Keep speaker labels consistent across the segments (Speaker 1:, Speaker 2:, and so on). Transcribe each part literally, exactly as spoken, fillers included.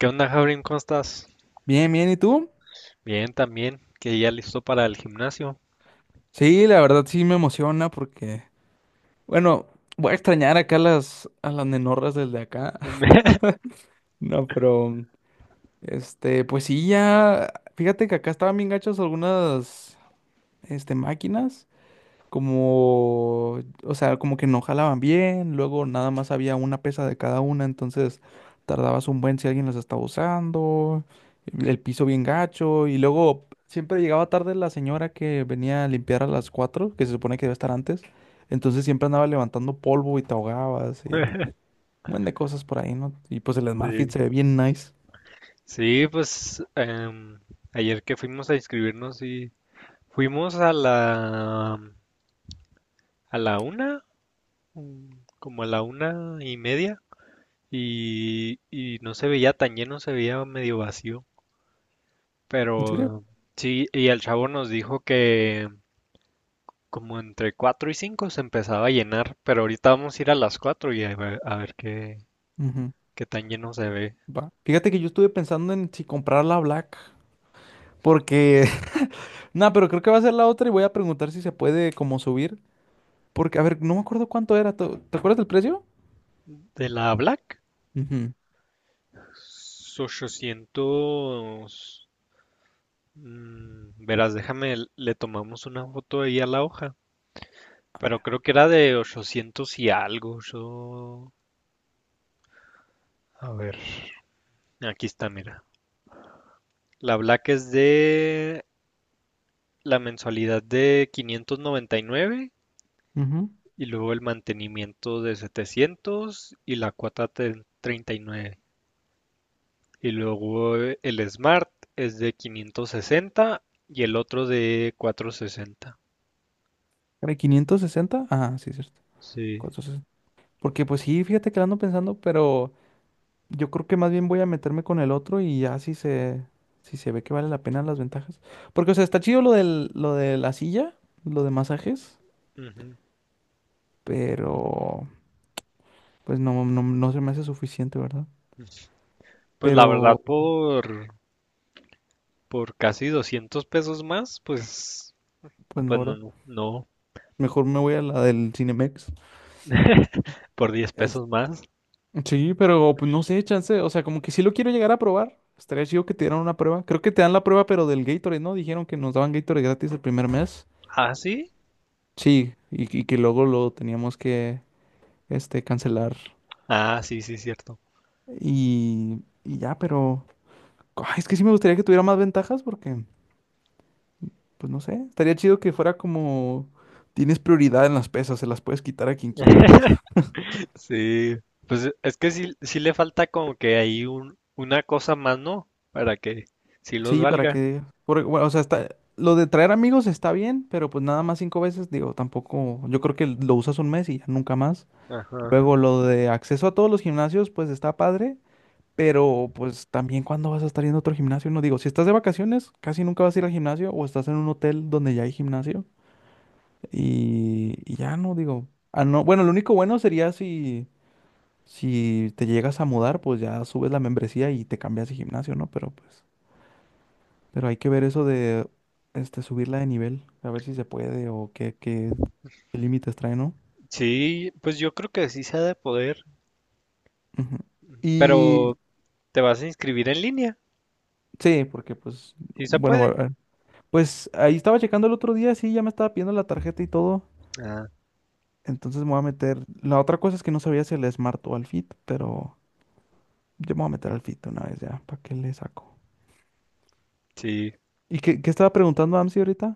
Speaker 1: ¿Qué onda, Javrin? ¿Cómo estás?
Speaker 2: Bien, bien, ¿y tú?
Speaker 1: Bien, también, que ya listo para el gimnasio.
Speaker 2: Sí, la verdad sí me emociona porque, bueno, voy a extrañar acá a las, a las nenorras desde acá. No, pero, este, pues sí, ya, fíjate que acá estaban bien gachas algunas, este, máquinas. Como, o sea, como que no jalaban bien, luego nada más había una pesa de cada una, entonces tardabas un buen si alguien las estaba usando, el piso bien gacho, y luego siempre llegaba tarde la señora que venía a limpiar a las cuatro que se supone que debe estar antes, entonces siempre andaba levantando polvo y te ahogabas y un buen de cosas por ahí, ¿no? Y pues el Smart Fit
Speaker 1: Sí,
Speaker 2: se ve bien nice.
Speaker 1: sí, pues em, ayer que fuimos a inscribirnos y fuimos a la a la una, mm, como a la una y media, y, y no se veía tan lleno, se veía medio vacío.
Speaker 2: ¿En serio?
Speaker 1: Pero sí, y el chavo nos dijo que como entre cuatro y cinco se empezaba a llenar, pero ahorita vamos a ir a las cuatro y a ver, a ver qué,
Speaker 2: Ujú.
Speaker 1: Qué tan lleno se ve.
Speaker 2: Va. Fíjate que yo estuve pensando en si comprar la Black, porque... No, pero creo que va a ser la otra y voy a preguntar si se puede como subir. Porque, a ver, no me acuerdo cuánto era. ¿Te, te acuerdas del precio?
Speaker 1: De la Black,
Speaker 2: Ujú,
Speaker 1: ochocientos... mm, verás, déjame, le tomamos una foto ahí a la hoja. Pero creo que era de ochocientos y algo. Yo... A ver. Aquí está, mira. La Black es de la mensualidad de quinientos noventa y nueve y nueve,
Speaker 2: ujú.
Speaker 1: y luego el mantenimiento de setecientos y la cuota de treinta y nueve. Y luego eh, el Smart es de quinientos sesenta y el otro de cuatrocientos sesenta.
Speaker 2: ¿Era quinientos sesenta? Ah, sí, cierto.
Speaker 1: Sí.
Speaker 2: cuatrocientos sesenta. Porque pues sí, fíjate que lo ando pensando, pero yo creo que más bien voy a meterme con el otro y ya si se, si se ve que vale la pena las ventajas. Porque, o sea, está chido lo del, lo de la silla, lo de masajes,
Speaker 1: Ujú.
Speaker 2: pero pues no, no, no se me hace suficiente, ¿verdad?
Speaker 1: Pues la
Speaker 2: Pero,
Speaker 1: verdad, por, por casi doscientos pesos más, pues,
Speaker 2: pues no,
Speaker 1: pues no,
Speaker 2: ¿verdad?
Speaker 1: no, no,
Speaker 2: Mejor me voy a la del Cinemex.
Speaker 1: por diez pesos más.
Speaker 2: Sí, pero pues no sé, chance. O sea, como que sí lo quiero llegar a probar. Estaría chido que te dieran una prueba. Creo que te dan la prueba, pero del Gatorade, ¿no? Dijeron que nos daban Gatorade gratis el primer mes.
Speaker 1: Ah, sí.
Speaker 2: Sí, y, y que luego lo teníamos que, este, cancelar.
Speaker 1: Ah, sí, sí, cierto.
Speaker 2: Y, y ya, pero... Ay, es que sí me gustaría que tuviera más ventajas porque, pues no sé, estaría chido que fuera como... Tienes prioridad en las pesas, se las puedes quitar a quien quieras.
Speaker 1: Sí, pues es que sí, sí le falta como que hay un, una cosa más, ¿no? Para que sí los
Speaker 2: Sí, para
Speaker 1: valga.
Speaker 2: que, porque, bueno, o sea, está, lo de traer amigos está bien, pero pues nada más cinco veces, digo, tampoco, yo creo que lo usas un mes y ya nunca más.
Speaker 1: Ajá.
Speaker 2: Luego lo de acceso a todos los gimnasios, pues está padre, pero pues también cuando vas a estar yendo a otro gimnasio, no digo, si estás de vacaciones, casi nunca vas a ir al gimnasio o estás en un hotel donde ya hay gimnasio y, y ya no, digo, ah, no, bueno, lo único bueno sería si, si te llegas a mudar, pues ya subes la membresía y te cambias de gimnasio, ¿no? Pero pues... Pero hay que ver eso de este, subirla de nivel, a ver si se puede o qué, qué, qué límites trae, ¿no?
Speaker 1: Sí, pues yo creo que sí se ha de poder,
Speaker 2: Ujú. Y
Speaker 1: pero ¿te vas a inscribir en línea?
Speaker 2: sí, porque pues,
Speaker 1: Sí se
Speaker 2: bueno,
Speaker 1: puede.
Speaker 2: a- pues ahí estaba checando el otro día, sí, ya me estaba pidiendo la tarjeta y todo.
Speaker 1: Ah,
Speaker 2: Entonces me voy a meter. La otra cosa es que no sabía si al Smart o al Fit, pero yo me voy a meter al Fit una vez ya, ¿para qué le saco?
Speaker 1: sí.
Speaker 2: ¿Y qué, qué estaba preguntando Amsi ahorita?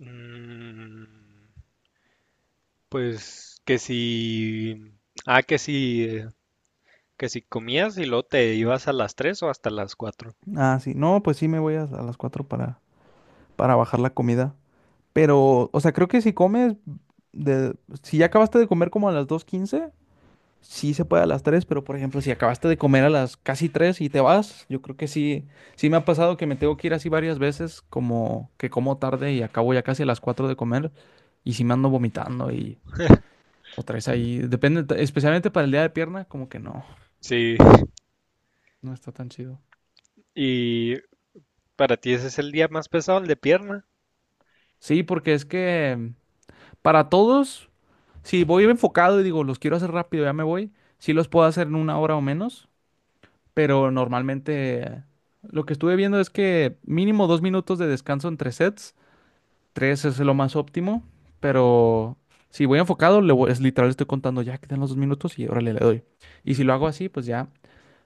Speaker 1: Mm, pues que si... Ah, que si... eh, que si comías y luego te ibas a las tres o hasta las cuatro.
Speaker 2: Ah, sí, no, pues sí me voy a, a las cuatro para, para bajar la comida. Pero, o sea, creo que si comes, de, si ya acabaste de comer como a las dos quince, sí se puede a las tres, pero por ejemplo, si acabaste de comer a las casi tres y te vas, yo creo que sí, sí me ha pasado que me tengo que ir así varias veces, como que como tarde y acabo ya casi a las cuatro de comer y sí me ando vomitando y otra vez ahí, depende, t- especialmente para el día de pierna, como que no,
Speaker 1: Sí.
Speaker 2: no está tan chido.
Speaker 1: ¿Y para ti ese es el día más pesado, el de pierna?
Speaker 2: Sí, porque es que para todos, si voy enfocado y digo, los quiero hacer rápido, ya me voy, sí los puedo hacer en una hora o menos. Pero normalmente lo que estuve viendo es que mínimo dos minutos de descanso entre sets, tres es lo más óptimo, pero si voy enfocado, le voy- es literal, estoy contando ya, quedan los dos minutos y órale, le doy. Y si lo hago
Speaker 1: Mm,
Speaker 2: así, pues ya,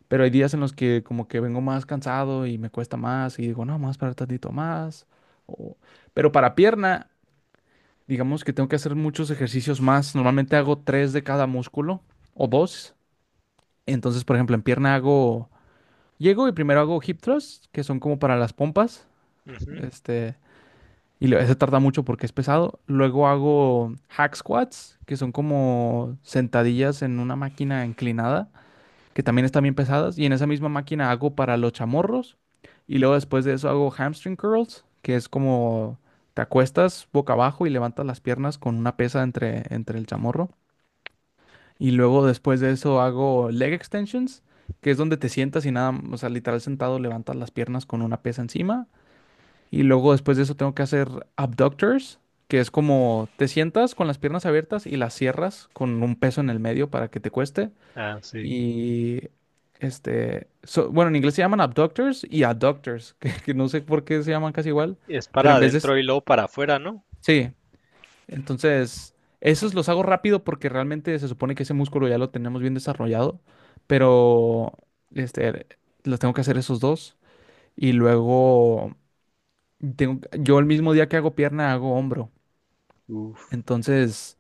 Speaker 2: pero hay días en los que como que vengo más cansado y me cuesta más y digo, no, más para tantito más. o- Pero para pierna, digamos que tengo que hacer muchos ejercicios más, normalmente hago tres de cada músculo o dos, entonces por ejemplo en pierna hago... Llego y primero hago hip thrust, que son como para las pompas.
Speaker 1: ujú.
Speaker 2: Este, y lo- ese tarda mucho porque es pesado. Luego hago hack squats, que son como sentadillas en una máquina inclinada, que también están bien pesadas. Y en esa misma máquina hago para los chamorros. Y luego después de eso hago hamstring curls, que es como te acuestas boca abajo y levantas las piernas con una pesa entre, entre el chamorro. Y luego después de eso hago leg extensions, que es donde te sientas y nada, o sea, literal sentado levantas las piernas con una pesa encima. Y luego después de eso tengo que hacer abductors, que es como te sientas con las piernas abiertas y las cierras con un peso en el medio para que te cueste.
Speaker 1: Ah, sí.
Speaker 2: Y este, so- bueno, en inglés se llaman abductors y adductors, que, que no sé por qué se llaman casi igual,
Speaker 1: Es
Speaker 2: pero
Speaker 1: para
Speaker 2: en vez de,
Speaker 1: adentro y luego para afuera, ¿no?
Speaker 2: sí, entonces, esos los hago rápido porque realmente se supone que ese músculo ya lo tenemos bien desarrollado, pero este, los tengo que hacer esos dos y luego tengo- yo el mismo día que hago pierna hago hombro.
Speaker 1: Uf.
Speaker 2: Entonces,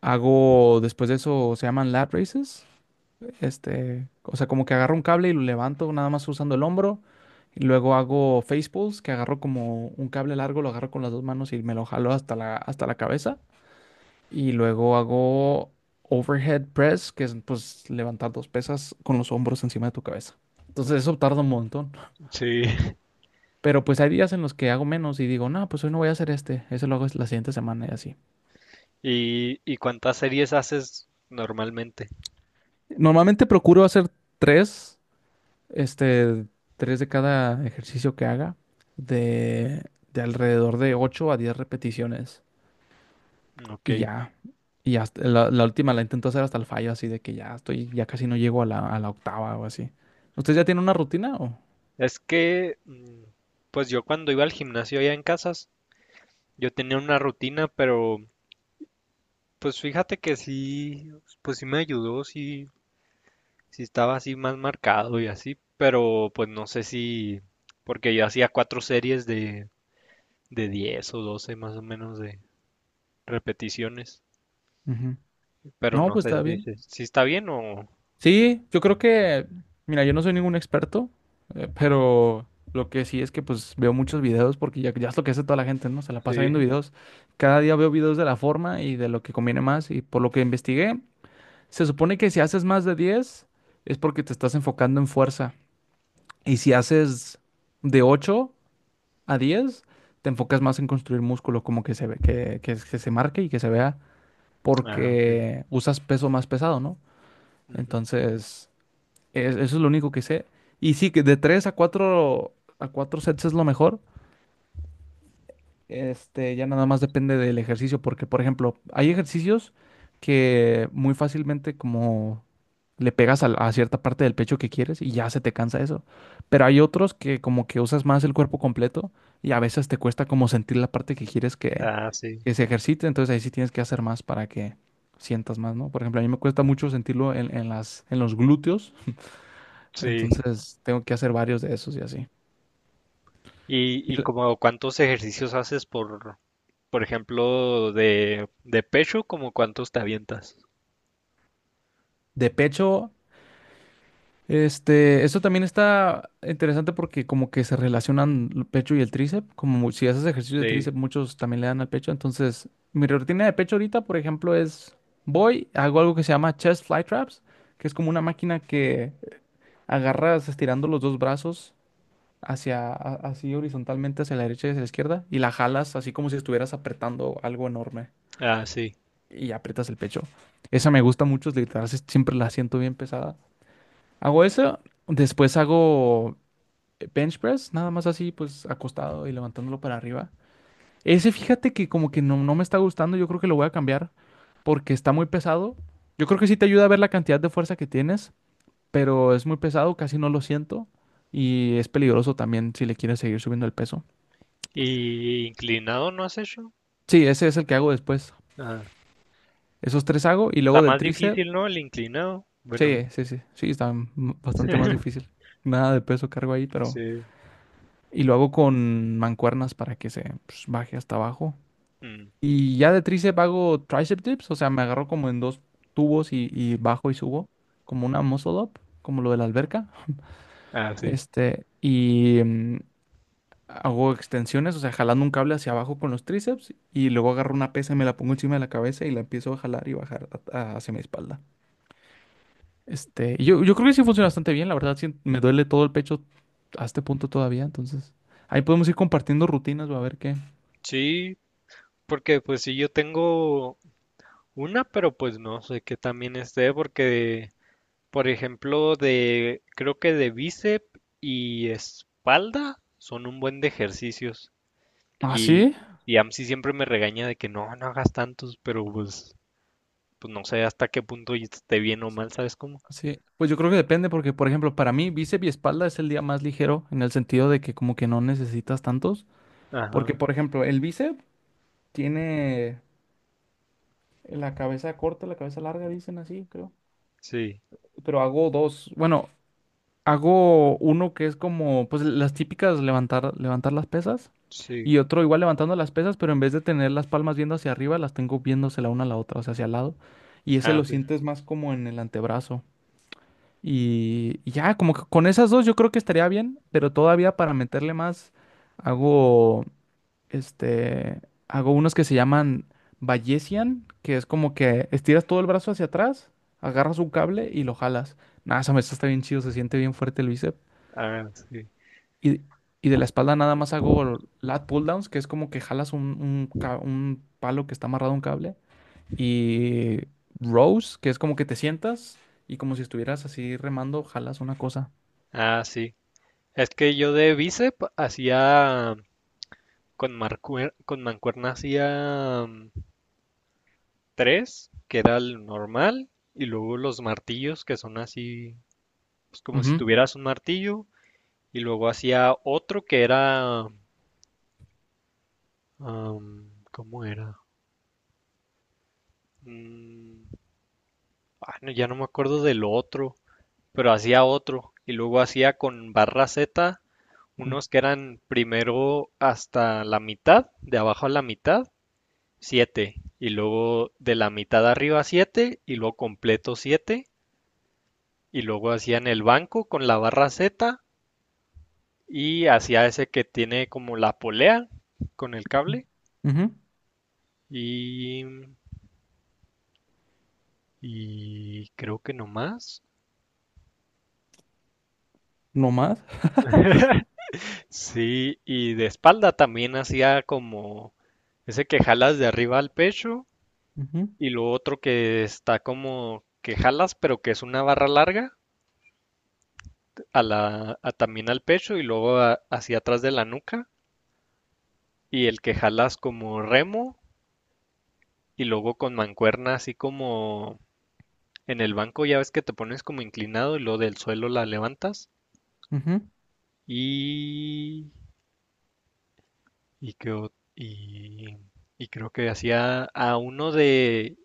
Speaker 2: hago después de eso se llaman lat raises, este, o sea, como que agarro un cable y lo levanto nada más usando el hombro. Y luego hago face pulls, que agarro como un cable largo, lo agarro con las dos manos y me lo jalo hasta la, hasta la cabeza. Y luego hago overhead press, que es pues levantar dos pesas con los hombros encima de tu cabeza. Entonces eso tarda un montón.
Speaker 1: Sí.
Speaker 2: Pero pues hay días en los que hago menos y digo, no, pues hoy no voy a hacer este. Ese lo hago la siguiente semana y así.
Speaker 1: ¿Y, y cuántas series haces normalmente?
Speaker 2: Normalmente procuro hacer tres, este, tres de cada ejercicio que haga, de, de alrededor de ocho a diez repeticiones.
Speaker 1: Ok.
Speaker 2: Y ya. Y hasta- la, la última la intento hacer hasta el fallo, así de que ya estoy, ya casi no llego a la, a la octava o así. ¿Usted ya tiene una rutina o?
Speaker 1: Es que, mm, pues yo cuando iba al gimnasio allá en Casas, yo tenía una rutina, pero pues fíjate que sí, pues sí me ayudó, sí, sí estaba así más marcado y así, pero pues no sé si, porque yo hacía cuatro series de, de diez o doce más o menos de repeticiones,
Speaker 2: Ujú.
Speaker 1: pero
Speaker 2: No,
Speaker 1: no
Speaker 2: pues
Speaker 1: sé
Speaker 2: está
Speaker 1: si,
Speaker 2: bien.
Speaker 1: si, si está bien o...
Speaker 2: Sí, yo creo que, mira, yo no soy ningún experto, eh, pero lo que sí es que pues veo muchos videos porque ya, ya es lo que hace toda la gente, ¿no? Se la
Speaker 1: Sí.
Speaker 2: pasa viendo videos. Cada día veo videos de la forma y de lo que conviene más y por lo que investigué, se supone que si haces más de diez es porque te estás enfocando en fuerza y si haces de ocho a diez te enfocas más en construir músculo, como que se ve, que, que que se marque y que se vea
Speaker 1: Ah, ok.
Speaker 2: porque usas peso más pesado, ¿no?
Speaker 1: Ujú.
Speaker 2: Entonces, es- eso es lo único que sé. Y sí, que de tres a cuatro a cuatro sets es lo mejor. Este, ya nada más depende del ejercicio, porque, por ejemplo, hay ejercicios que muy fácilmente como le pegas al- a, cierta parte del pecho que quieres y ya se te cansa eso. Pero hay otros que como que usas más el cuerpo completo y a veces te cuesta como sentir la parte que quieres que,
Speaker 1: Ah, sí.
Speaker 2: que se ejercite, entonces ahí sí tienes que hacer más para que sientas más, ¿no? Por ejemplo, a mí me cuesta mucho sentirlo en, en las, en los glúteos,
Speaker 1: Sí.
Speaker 2: entonces tengo que hacer varios de esos y así. Y
Speaker 1: ¿Y, y
Speaker 2: l-
Speaker 1: como cuántos ejercicios haces? por, Por ejemplo, de, de pecho, ¿como cuántos te avientas?
Speaker 2: de pecho, este, eso también está interesante porque como que se relacionan el pecho y el tríceps, como mu- si haces ejercicio de
Speaker 1: Sí.
Speaker 2: tríceps, muchos también le dan al pecho. Entonces, mi rutina de pecho ahorita, por ejemplo, es voy, hago algo que se llama chest fly traps, que es como una máquina que agarras estirando los dos brazos hacia a- así horizontalmente hacia la derecha y hacia la izquierda y la jalas así como si estuvieras apretando algo enorme.
Speaker 1: Ah, sí.
Speaker 2: Y aprietas el pecho. Esa me gusta mucho, es literal, si- siempre la siento bien pesada. Hago eso, después hago bench press, nada más así, pues acostado y levantándolo para arriba. Ese fíjate que como que no, no me está gustando, yo creo que lo voy a cambiar porque está muy pesado. Yo creo que sí te ayuda a ver la cantidad de fuerza que tienes, pero es muy pesado, casi no lo siento y es peligroso también si le quieres seguir subiendo el peso.
Speaker 1: ¿Y inclinado no has hecho?
Speaker 2: Sí, ese es el que hago después.
Speaker 1: Ah,
Speaker 2: Esos tres hago y
Speaker 1: está
Speaker 2: luego del
Speaker 1: más
Speaker 2: tríceps.
Speaker 1: difícil, ¿no? El inclinado. Bueno,
Speaker 2: Sí, sí, sí, sí, está m- bastante más difícil. Nada de peso cargo ahí, pero...
Speaker 1: sí.
Speaker 2: Y lo hago con mancuernas para que se pues, baje hasta abajo.
Speaker 1: Mm,
Speaker 2: Y ya de tríceps hago tricep dips, o sea, me agarro como en dos tubos y, y bajo y subo, como una muscle up, como lo de la alberca.
Speaker 1: ah, sí.
Speaker 2: Este, y mm, hago extensiones, o sea, jalando un cable hacia abajo con los tríceps y luego agarro una pesa y me la pongo encima de la cabeza y la empiezo a jalar y bajar a- a- hacia mi espalda. Este, y yo, yo creo que sí funciona bastante bien, la verdad, sí, me duele todo el pecho a este punto todavía, entonces ahí podemos ir compartiendo rutinas, va a ver qué.
Speaker 1: Sí, porque pues sí, yo tengo una, pero pues no sé qué también esté, porque, por ejemplo, de, creo que de bíceps y espalda son un buen de ejercicios.
Speaker 2: Ah,
Speaker 1: Y,
Speaker 2: sí,
Speaker 1: y AMSI siempre me regaña de que no, no hagas tantos, pero pues pues no sé hasta qué punto y esté bien o mal, ¿sabes cómo?
Speaker 2: sí, pues yo creo que depende porque, por ejemplo, para mí bíceps y espalda es el día más ligero en el sentido de que como que no necesitas tantos, porque,
Speaker 1: Ajá,
Speaker 2: por ejemplo, el bíceps tiene la cabeza corta, la cabeza larga, dicen así, creo,
Speaker 1: sí,
Speaker 2: pero hago dos, bueno, hago uno que es como, pues las típicas levantar, levantar las pesas
Speaker 1: sí.
Speaker 2: y otro igual levantando las pesas, pero en vez de tener las palmas viendo hacia arriba, las tengo viéndose la una a la otra, o sea, hacia el lado. Y ese
Speaker 1: Ah,
Speaker 2: lo
Speaker 1: sí.
Speaker 2: sientes más como en el antebrazo. Y y ya, como que con esas dos yo creo que estaría bien, pero todavía para meterle más, hago, este, hago unos que se llaman Bayesian, que es como que estiras todo el brazo hacia atrás, agarras un cable y lo jalas. Nada, esa me está bien chido, se siente bien fuerte el bíceps.
Speaker 1: Ah, sí.
Speaker 2: Y, y de la espalda nada más hago lat pull downs, que es como que jalas un, un ca- un palo que está amarrado a un cable. Y rows, que es como que te sientas y como si estuvieras así remando, jalas una cosa.
Speaker 1: Ah, sí. Es que yo de bíceps hacía con marcue- con mancuerna hacía mm, tres, que era el normal, y luego los martillos, que son así, pues como si
Speaker 2: Ujú,
Speaker 1: tuvieras un martillo, y luego hacía otro que era, am, ¿cómo era? Mm, ah, no, ya no me acuerdo del otro, pero hacía otro y luego hacía con barra Z
Speaker 2: ujú,
Speaker 1: unos que eran primero hasta la mitad, de abajo a la mitad, siete, y luego de la mitad arriba siete, y luego completo siete, y luego hacía en el banco con la barra Z, y hacía ese que tiene como la polea con el cable,
Speaker 2: ujú.
Speaker 1: y y creo que no más.
Speaker 2: No más.
Speaker 1: Sí, y de espalda también hacía como ese que jalas de arriba al pecho,
Speaker 2: Ujú,
Speaker 1: y lo otro que está como que jalas, pero que es una barra larga, a la, a- también al pecho y luego a- hacia atrás de la nuca. Y el que jalas como remo, y luego con mancuerna así como en el banco, ya ves que te pones como inclinado y luego del suelo la levantas.
Speaker 2: ujú.
Speaker 1: Y... Y, que, o- y, y creo que hacía a uno de...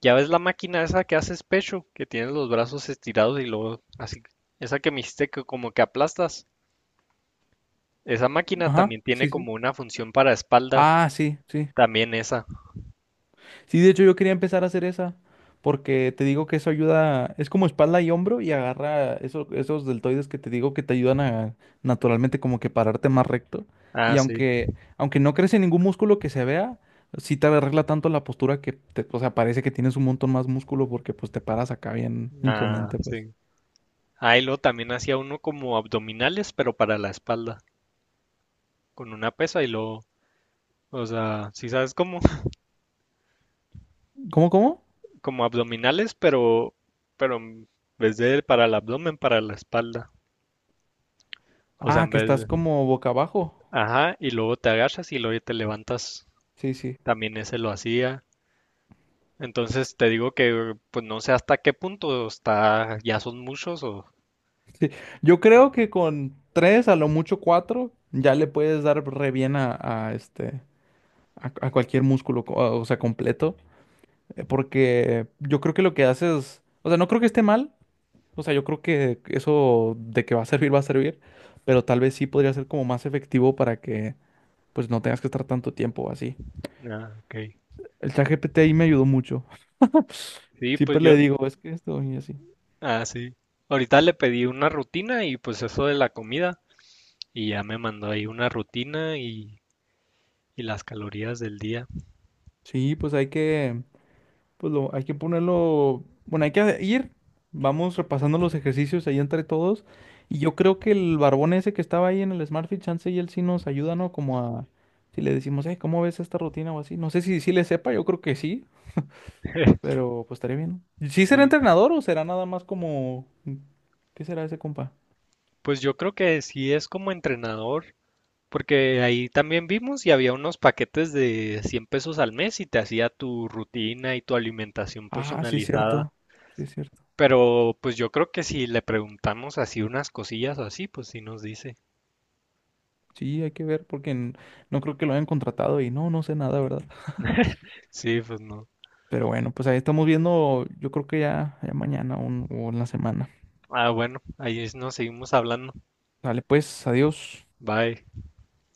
Speaker 1: Ya ves la máquina esa que haces pecho, que tienes los brazos estirados y luego así... Esa que me hiciste que como que aplastas. Esa máquina
Speaker 2: Ajá.
Speaker 1: también tiene
Speaker 2: Sí, sí.
Speaker 1: como una función para espalda,
Speaker 2: Ah, sí, sí.
Speaker 1: también esa.
Speaker 2: Sí, de hecho yo quería empezar a hacer esa, porque te digo que eso ayuda, es como espalda y hombro y agarra eso- esos deltoides que te digo que te ayudan a naturalmente como que pararte más recto.
Speaker 1: Ah,
Speaker 2: Y
Speaker 1: sí.
Speaker 2: aunque, aunque no crece ningún músculo que se vea, sí te arregla tanto la postura que te, o sea, parece que tienes un montón más músculo porque pues te paras acá bien
Speaker 1: Ah,
Speaker 2: imponente, pues.
Speaker 1: sí. Ahí lo también hacía uno como abdominales, pero para la espalda, con una pesa y lo, o sea, si sabes como,
Speaker 2: ¿Cómo, cómo?
Speaker 1: como abdominales, pero, pero en vez de para el abdomen, para la espalda. O sea,
Speaker 2: Ah,
Speaker 1: en
Speaker 2: que
Speaker 1: vez
Speaker 2: estás
Speaker 1: de-
Speaker 2: como boca abajo.
Speaker 1: ajá, y luego te agachas y luego te levantas.
Speaker 2: Sí, sí.
Speaker 1: También ese lo hacía. Entonces te digo que, pues no sé hasta qué punto está, ya son muchos o,
Speaker 2: Sí. Yo creo que con tres, a lo mucho cuatro, ya le puedes dar re bien a, a este. A, a cualquier músculo, co- o sea, completo, eh, porque yo creo que lo que haces, o sea, no creo que esté mal, o sea, yo creo que eso de que va a servir, va a servir, pero tal vez sí podría ser como más efectivo para que, pues, no tengas que estar tanto tiempo así.
Speaker 1: ah, ok.
Speaker 2: El chat G P T ahí me ayudó mucho.
Speaker 1: Sí, pues
Speaker 2: Siempre
Speaker 1: yo...
Speaker 2: le digo, es que esto y así.
Speaker 1: Ah, sí. Ahorita le pedí una rutina y pues eso de la comida, y ya me mandó ahí una rutina y, y las calorías del día.
Speaker 2: Sí, pues hay que... Pues lo, hay que ponerlo, bueno, hay que ir, vamos repasando los ejercicios ahí entre todos. Y yo creo que el barbón ese que estaba ahí en el smart fit, chance y él sí nos ayuda, ¿no? Como a, si le decimos, hey, ¿cómo ves esta rutina o así? No sé si sí le sepa, yo creo que sí, pero pues estaría bien, ¿no? ¿Sí será
Speaker 1: Sí.
Speaker 2: entrenador o será nada más como, qué será ese compa?
Speaker 1: Pues yo creo que sí es como entrenador, porque ahí también vimos y había unos paquetes de cien pesos al mes y te hacía tu rutina y tu alimentación
Speaker 2: Ah, sí es
Speaker 1: personalizada.
Speaker 2: cierto, sí es cierto.
Speaker 1: Pero pues yo creo que si le preguntamos así unas cosillas o así, pues sí nos dice.
Speaker 2: Sí, hay que ver porque n- no creo que lo hayan contratado y no, no sé nada, ¿verdad?
Speaker 1: Sí, pues no.
Speaker 2: Pero bueno, pues ahí estamos viendo, yo creo que ya, ya mañana o, o en la semana.
Speaker 1: Ah, bueno, ahí nos seguimos hablando.
Speaker 2: Dale, pues, adiós.
Speaker 1: Bye.